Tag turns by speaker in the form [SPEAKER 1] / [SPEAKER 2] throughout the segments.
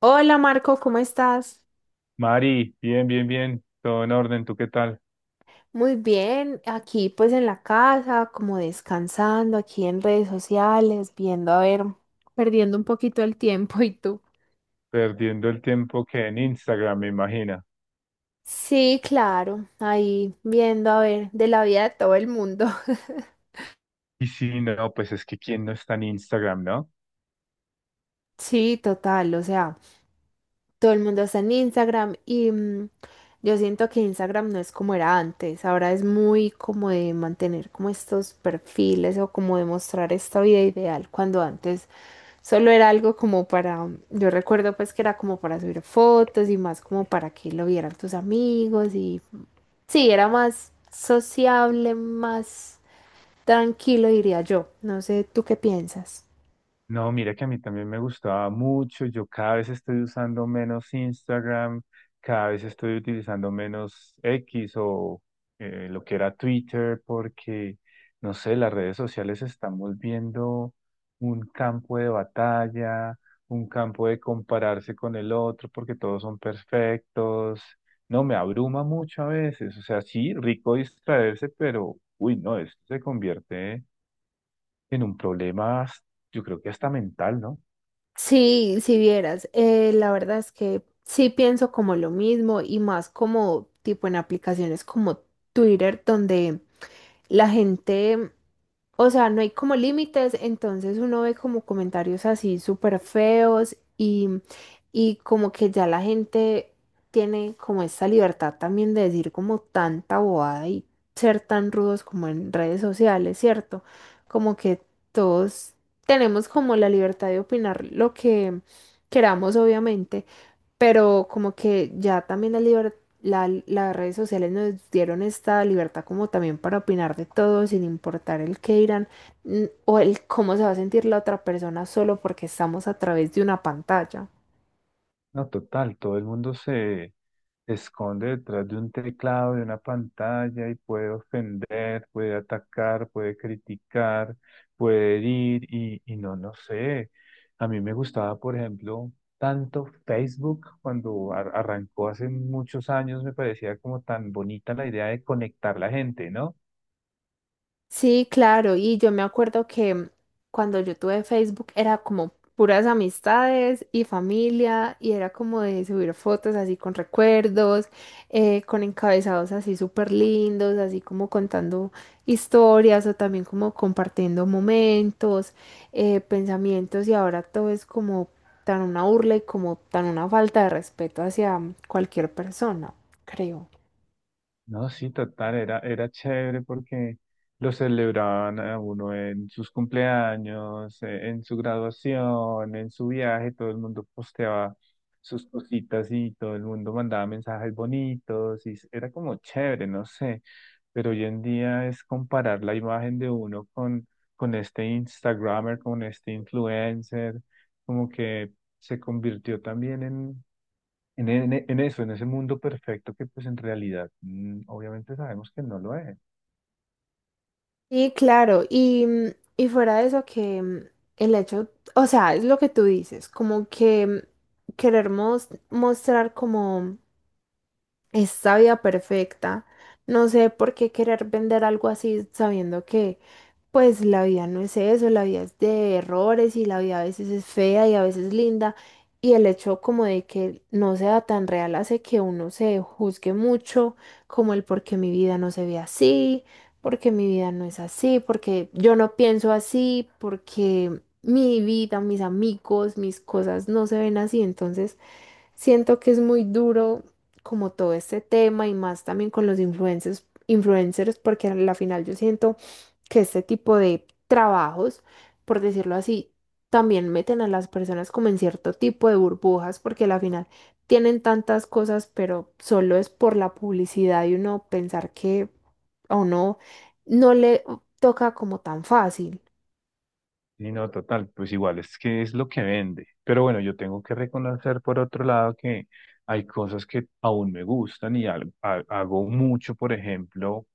[SPEAKER 1] Hola Marco, ¿cómo estás?
[SPEAKER 2] Mari, bien, bien, bien, todo en orden, ¿tú qué tal?
[SPEAKER 1] Muy bien, aquí pues en la casa, como descansando, aquí en redes sociales, viendo, a ver, perdiendo un poquito el tiempo. ¿Y tú?
[SPEAKER 2] Perdiendo el tiempo que en Instagram, me imagina.
[SPEAKER 1] Sí, claro, ahí viendo a ver de la vida de todo el mundo.
[SPEAKER 2] Y sí, no, pues es que quién no está en Instagram, ¿no?
[SPEAKER 1] Sí, total, o sea, todo el mundo está en Instagram y yo siento que Instagram no es como era antes. Ahora es muy como de mantener como estos perfiles o como de mostrar esta vida ideal cuando antes solo era algo como para, yo recuerdo pues que era como para subir fotos y más como para que lo vieran tus amigos y sí, era más sociable, más tranquilo diría yo. No sé, ¿tú qué piensas?
[SPEAKER 2] No, mira que a mí también me gustaba mucho. Yo cada vez estoy usando menos Instagram, cada vez estoy utilizando menos X o lo que era Twitter, porque, no sé, las redes sociales se están volviendo un campo de batalla, un campo de compararse con el otro, porque todos son perfectos. No, me abruma mucho a veces. O sea, sí, rico distraerse, pero, uy, no, esto se convierte en un problema, yo creo que hasta mental, ¿no?
[SPEAKER 1] Sí, si vieras, la verdad es que sí pienso como lo mismo y más como tipo en aplicaciones como Twitter, donde la gente, o sea, no hay como límites, entonces uno ve como comentarios así súper feos y como que ya la gente tiene como esta libertad también de decir como tanta bobada y ser tan rudos como en redes sociales, ¿cierto? Como que todos tenemos como la libertad de opinar lo que queramos, obviamente, pero como que ya también las redes sociales nos dieron esta libertad como también para opinar de todo sin importar el qué dirán, o el cómo se va a sentir la otra persona solo porque estamos a través de una pantalla.
[SPEAKER 2] No, total, todo el mundo se esconde detrás de un teclado, de una pantalla y puede ofender, puede atacar, puede criticar, puede herir y no, no sé. A mí me gustaba, por ejemplo, tanto Facebook cuando arrancó hace muchos años, me parecía como tan bonita la idea de conectar la gente, ¿no?
[SPEAKER 1] Sí, claro, y yo me acuerdo que cuando yo tuve Facebook era como puras amistades y familia y era como de subir fotos así con recuerdos, con encabezados así súper lindos, así como contando historias o también como compartiendo momentos, pensamientos, y ahora todo es como tan una burla y como tan una falta de respeto hacia cualquier persona, creo.
[SPEAKER 2] No, sí, total, era chévere porque lo celebraban a uno en sus cumpleaños, en su graduación, en su viaje, todo el mundo posteaba sus cositas y todo el mundo mandaba mensajes bonitos y era como chévere, no sé, pero hoy en día es comparar la imagen de uno con este Instagramer, con este influencer, como que se convirtió también en eso, en ese mundo perfecto que pues en realidad, mm, obviamente sabemos que no lo es.
[SPEAKER 1] Sí, claro, y, y fuera de eso que el hecho, o sea, es lo que tú dices, como que querer mostrar como es sabia perfecta. No sé por qué querer vender algo así sabiendo que pues la vida no es eso, la vida es de errores y la vida a veces es fea y a veces linda. Y el hecho como de que no sea tan real hace que uno se juzgue mucho, como el por qué mi vida no se ve así, porque mi vida no es así, porque yo no pienso así, porque mi vida, mis amigos, mis cosas no se ven así. Entonces, siento que es muy duro como todo este tema y más también con los influencers porque a la final yo siento que este tipo de trabajos, por decirlo así, también meten a las personas como en cierto tipo de burbujas porque a la final tienen tantas cosas, pero solo es por la publicidad y uno pensar que a uno no le toca como tan fácil.
[SPEAKER 2] Sí, no, total, pues igual es que es lo que vende. Pero bueno, yo tengo que reconocer por otro lado que hay cosas que aún me gustan y hago mucho, por ejemplo,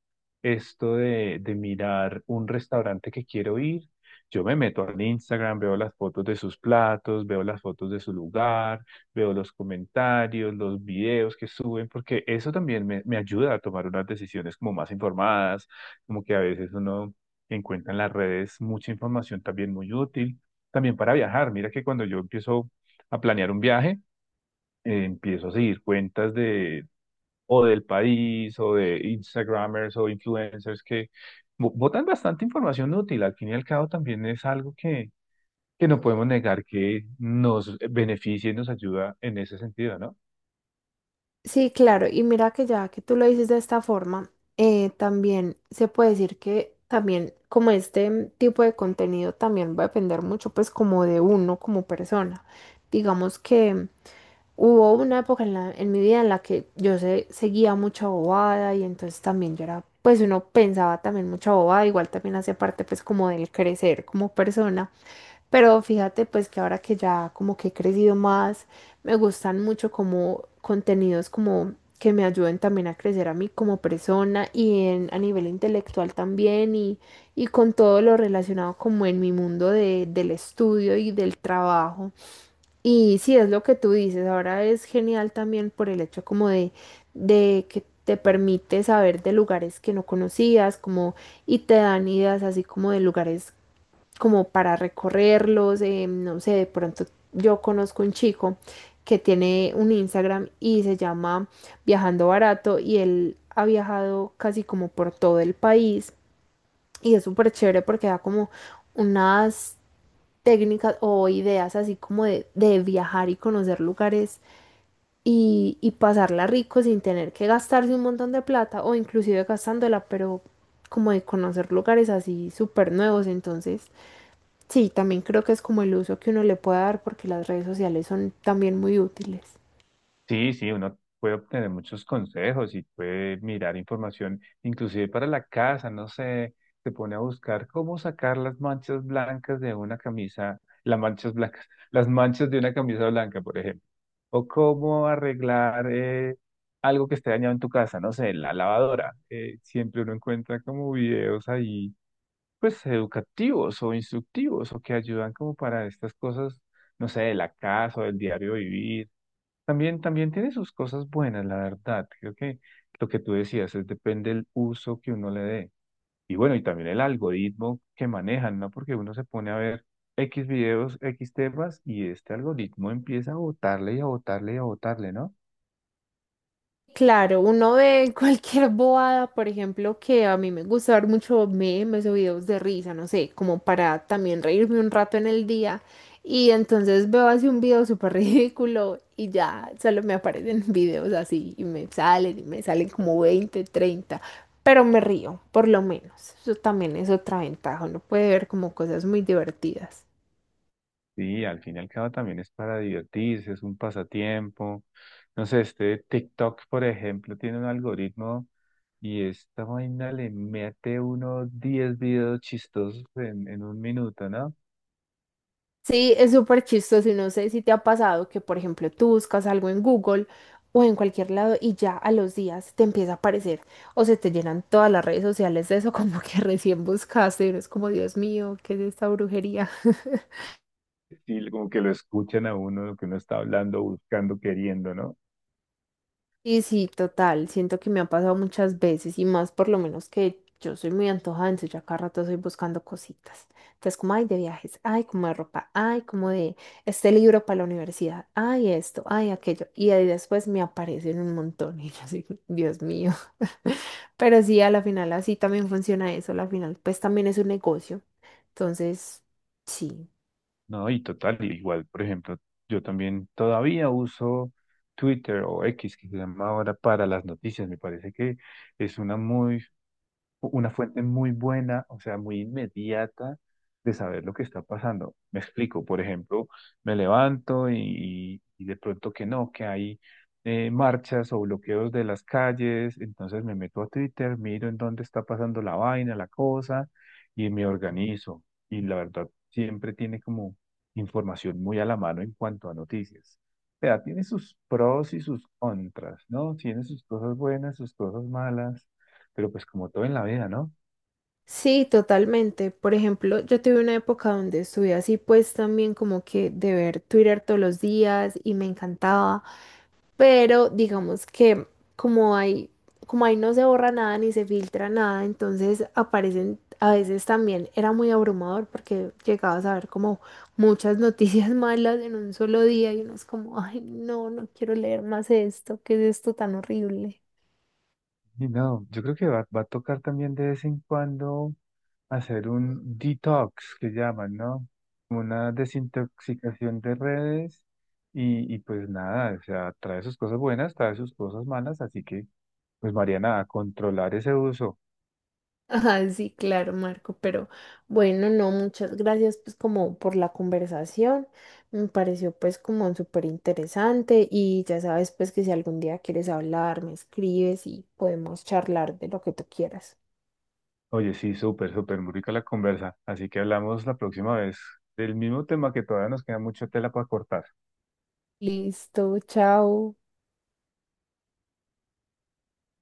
[SPEAKER 2] esto de mirar un restaurante que quiero ir. Yo me meto al Instagram, veo las fotos de sus platos, veo las fotos de su lugar, veo los comentarios, los videos que suben, porque eso también me ayuda a tomar unas decisiones como más informadas, como que a veces uno encuentra en las redes mucha información también muy útil, también para viajar. Mira que cuando yo empiezo a planear un viaje, empiezo a seguir cuentas de o del país o de Instagramers o influencers que botan bastante información útil. Al fin y al cabo también es algo que no podemos negar que nos beneficia y nos ayuda en ese sentido, ¿no?
[SPEAKER 1] Sí, claro, y mira que ya que tú lo dices de esta forma, también se puede decir que también como este tipo de contenido también va a depender mucho pues como de uno como persona. Digamos que hubo una época en mi vida en la que yo seguía mucha bobada y entonces también yo era, pues uno pensaba también mucha bobada, igual también hace parte pues como del crecer como persona. Pero fíjate pues que ahora que ya como que he crecido más, me gustan mucho como contenidos como que me ayuden también a crecer a mí como persona y en, a nivel intelectual también y con todo lo relacionado como en mi mundo del estudio y del trabajo. Y sí, es lo que tú dices, ahora es genial también por el hecho como de que te permite saber de lugares que no conocías, como, y te dan ideas así como de lugares como para recorrerlos, no sé, de pronto yo conozco un chico que tiene un Instagram y se llama Viajando Barato, y él ha viajado casi como por todo el país y es súper chévere porque da como unas técnicas o ideas así como de viajar y conocer lugares y pasarla rico sin tener que gastarse un montón de plata o inclusive gastándola, pero como de conocer lugares así súper nuevos, entonces sí, también creo que es como el uso que uno le puede dar porque las redes sociales son también muy útiles.
[SPEAKER 2] Sí, sí, uno puede obtener muchos consejos y puede mirar información, inclusive para la casa, no sé, se pone a buscar cómo sacar las manchas blancas de una camisa, las manchas blancas, las manchas de una camisa blanca, por ejemplo, o cómo arreglar algo que esté dañado en tu casa, no sé, la lavadora. Siempre uno encuentra como videos ahí, pues educativos o instructivos o que ayudan como para estas cosas, no sé, de la casa o del diario vivir también, también tiene sus cosas buenas, la verdad. Creo que lo que tú decías es depende del uso que uno le dé. Y bueno, y también el algoritmo que manejan, ¿no? Porque uno se pone a ver X videos, X temas, y este algoritmo empieza a botarle y a botarle y a botarle, ¿no?
[SPEAKER 1] Claro, uno ve cualquier bobada, por ejemplo, que a mí me gusta ver mucho memes o videos de risa, no sé, como para también reírme un rato en el día. Y entonces veo así un video súper ridículo y ya solo me aparecen videos así y me salen como 20, 30, pero me río, por lo menos. Eso también es otra ventaja, uno puede ver como cosas muy divertidas.
[SPEAKER 2] Sí, al fin y al cabo también es para divertirse, es un pasatiempo. No sé, este TikTok, por ejemplo, tiene un algoritmo y esta vaina le mete unos 10 videos chistosos en un minuto, ¿no?
[SPEAKER 1] Sí, es súper chistoso y no sé si te ha pasado que, por ejemplo, tú buscas algo en Google o en cualquier lado y ya a los días te empieza a aparecer o se te llenan todas las redes sociales de eso como que recién buscaste y es como, Dios mío, ¿qué es esta brujería?
[SPEAKER 2] Sí, como que lo escuchan a uno, lo que uno está hablando, buscando, queriendo, ¿no?
[SPEAKER 1] Sí, sí, total. Siento que me ha pasado muchas veces y más por lo menos que yo soy muy antojada, entonces yo a cada rato estoy buscando cositas. Entonces, como ay de viajes, ay, como de ropa, ay, como de este libro para la universidad, ay, esto, ay, aquello. Y ahí después me aparecen un montón y yo así, Dios mío. Pero sí, a la final así también funciona eso. A la final, pues también es un negocio. Entonces, sí.
[SPEAKER 2] No, y total, igual, por ejemplo, yo también todavía uso Twitter o X, que se llama ahora, para las noticias. Me parece que es una fuente muy buena, o sea, muy inmediata de saber lo que está pasando. Me explico, por ejemplo, me levanto y de pronto que no, que hay marchas o bloqueos de las calles, entonces me meto a Twitter, miro en dónde está pasando la vaina, la cosa, y me organizo. Y la verdad, siempre tiene como información muy a la mano en cuanto a noticias. O sea, tiene sus pros y sus contras, ¿no? Tiene sus cosas buenas, sus cosas malas. Pero pues como todo en la vida, ¿no?
[SPEAKER 1] Sí, totalmente. Por ejemplo, yo tuve una época donde estuve así, pues también como que de ver Twitter todos los días y me encantaba, pero digamos que como hay, como ahí no se borra nada ni se filtra nada, entonces aparecen a veces también, era muy abrumador porque llegabas a ver como muchas noticias malas en un solo día y uno es como, ay, no, no quiero leer más esto, ¿qué es esto tan horrible?
[SPEAKER 2] Y no, yo creo que va a tocar también de vez en cuando hacer un detox, que llaman, ¿no? Como una desintoxicación de redes y pues nada, o sea, trae sus cosas buenas, trae sus cosas malas, así que pues Mariana, a controlar ese uso.
[SPEAKER 1] Ajá, sí, claro, Marco, pero bueno, no, muchas gracias pues como por la conversación, me pareció pues como súper interesante y ya sabes pues que si algún día quieres hablar, me escribes y podemos charlar de lo que tú quieras.
[SPEAKER 2] Oye, sí, súper, súper, muy rica la conversa, así que hablamos la próxima vez del mismo tema que todavía nos queda mucha tela para cortar.
[SPEAKER 1] Listo, chao.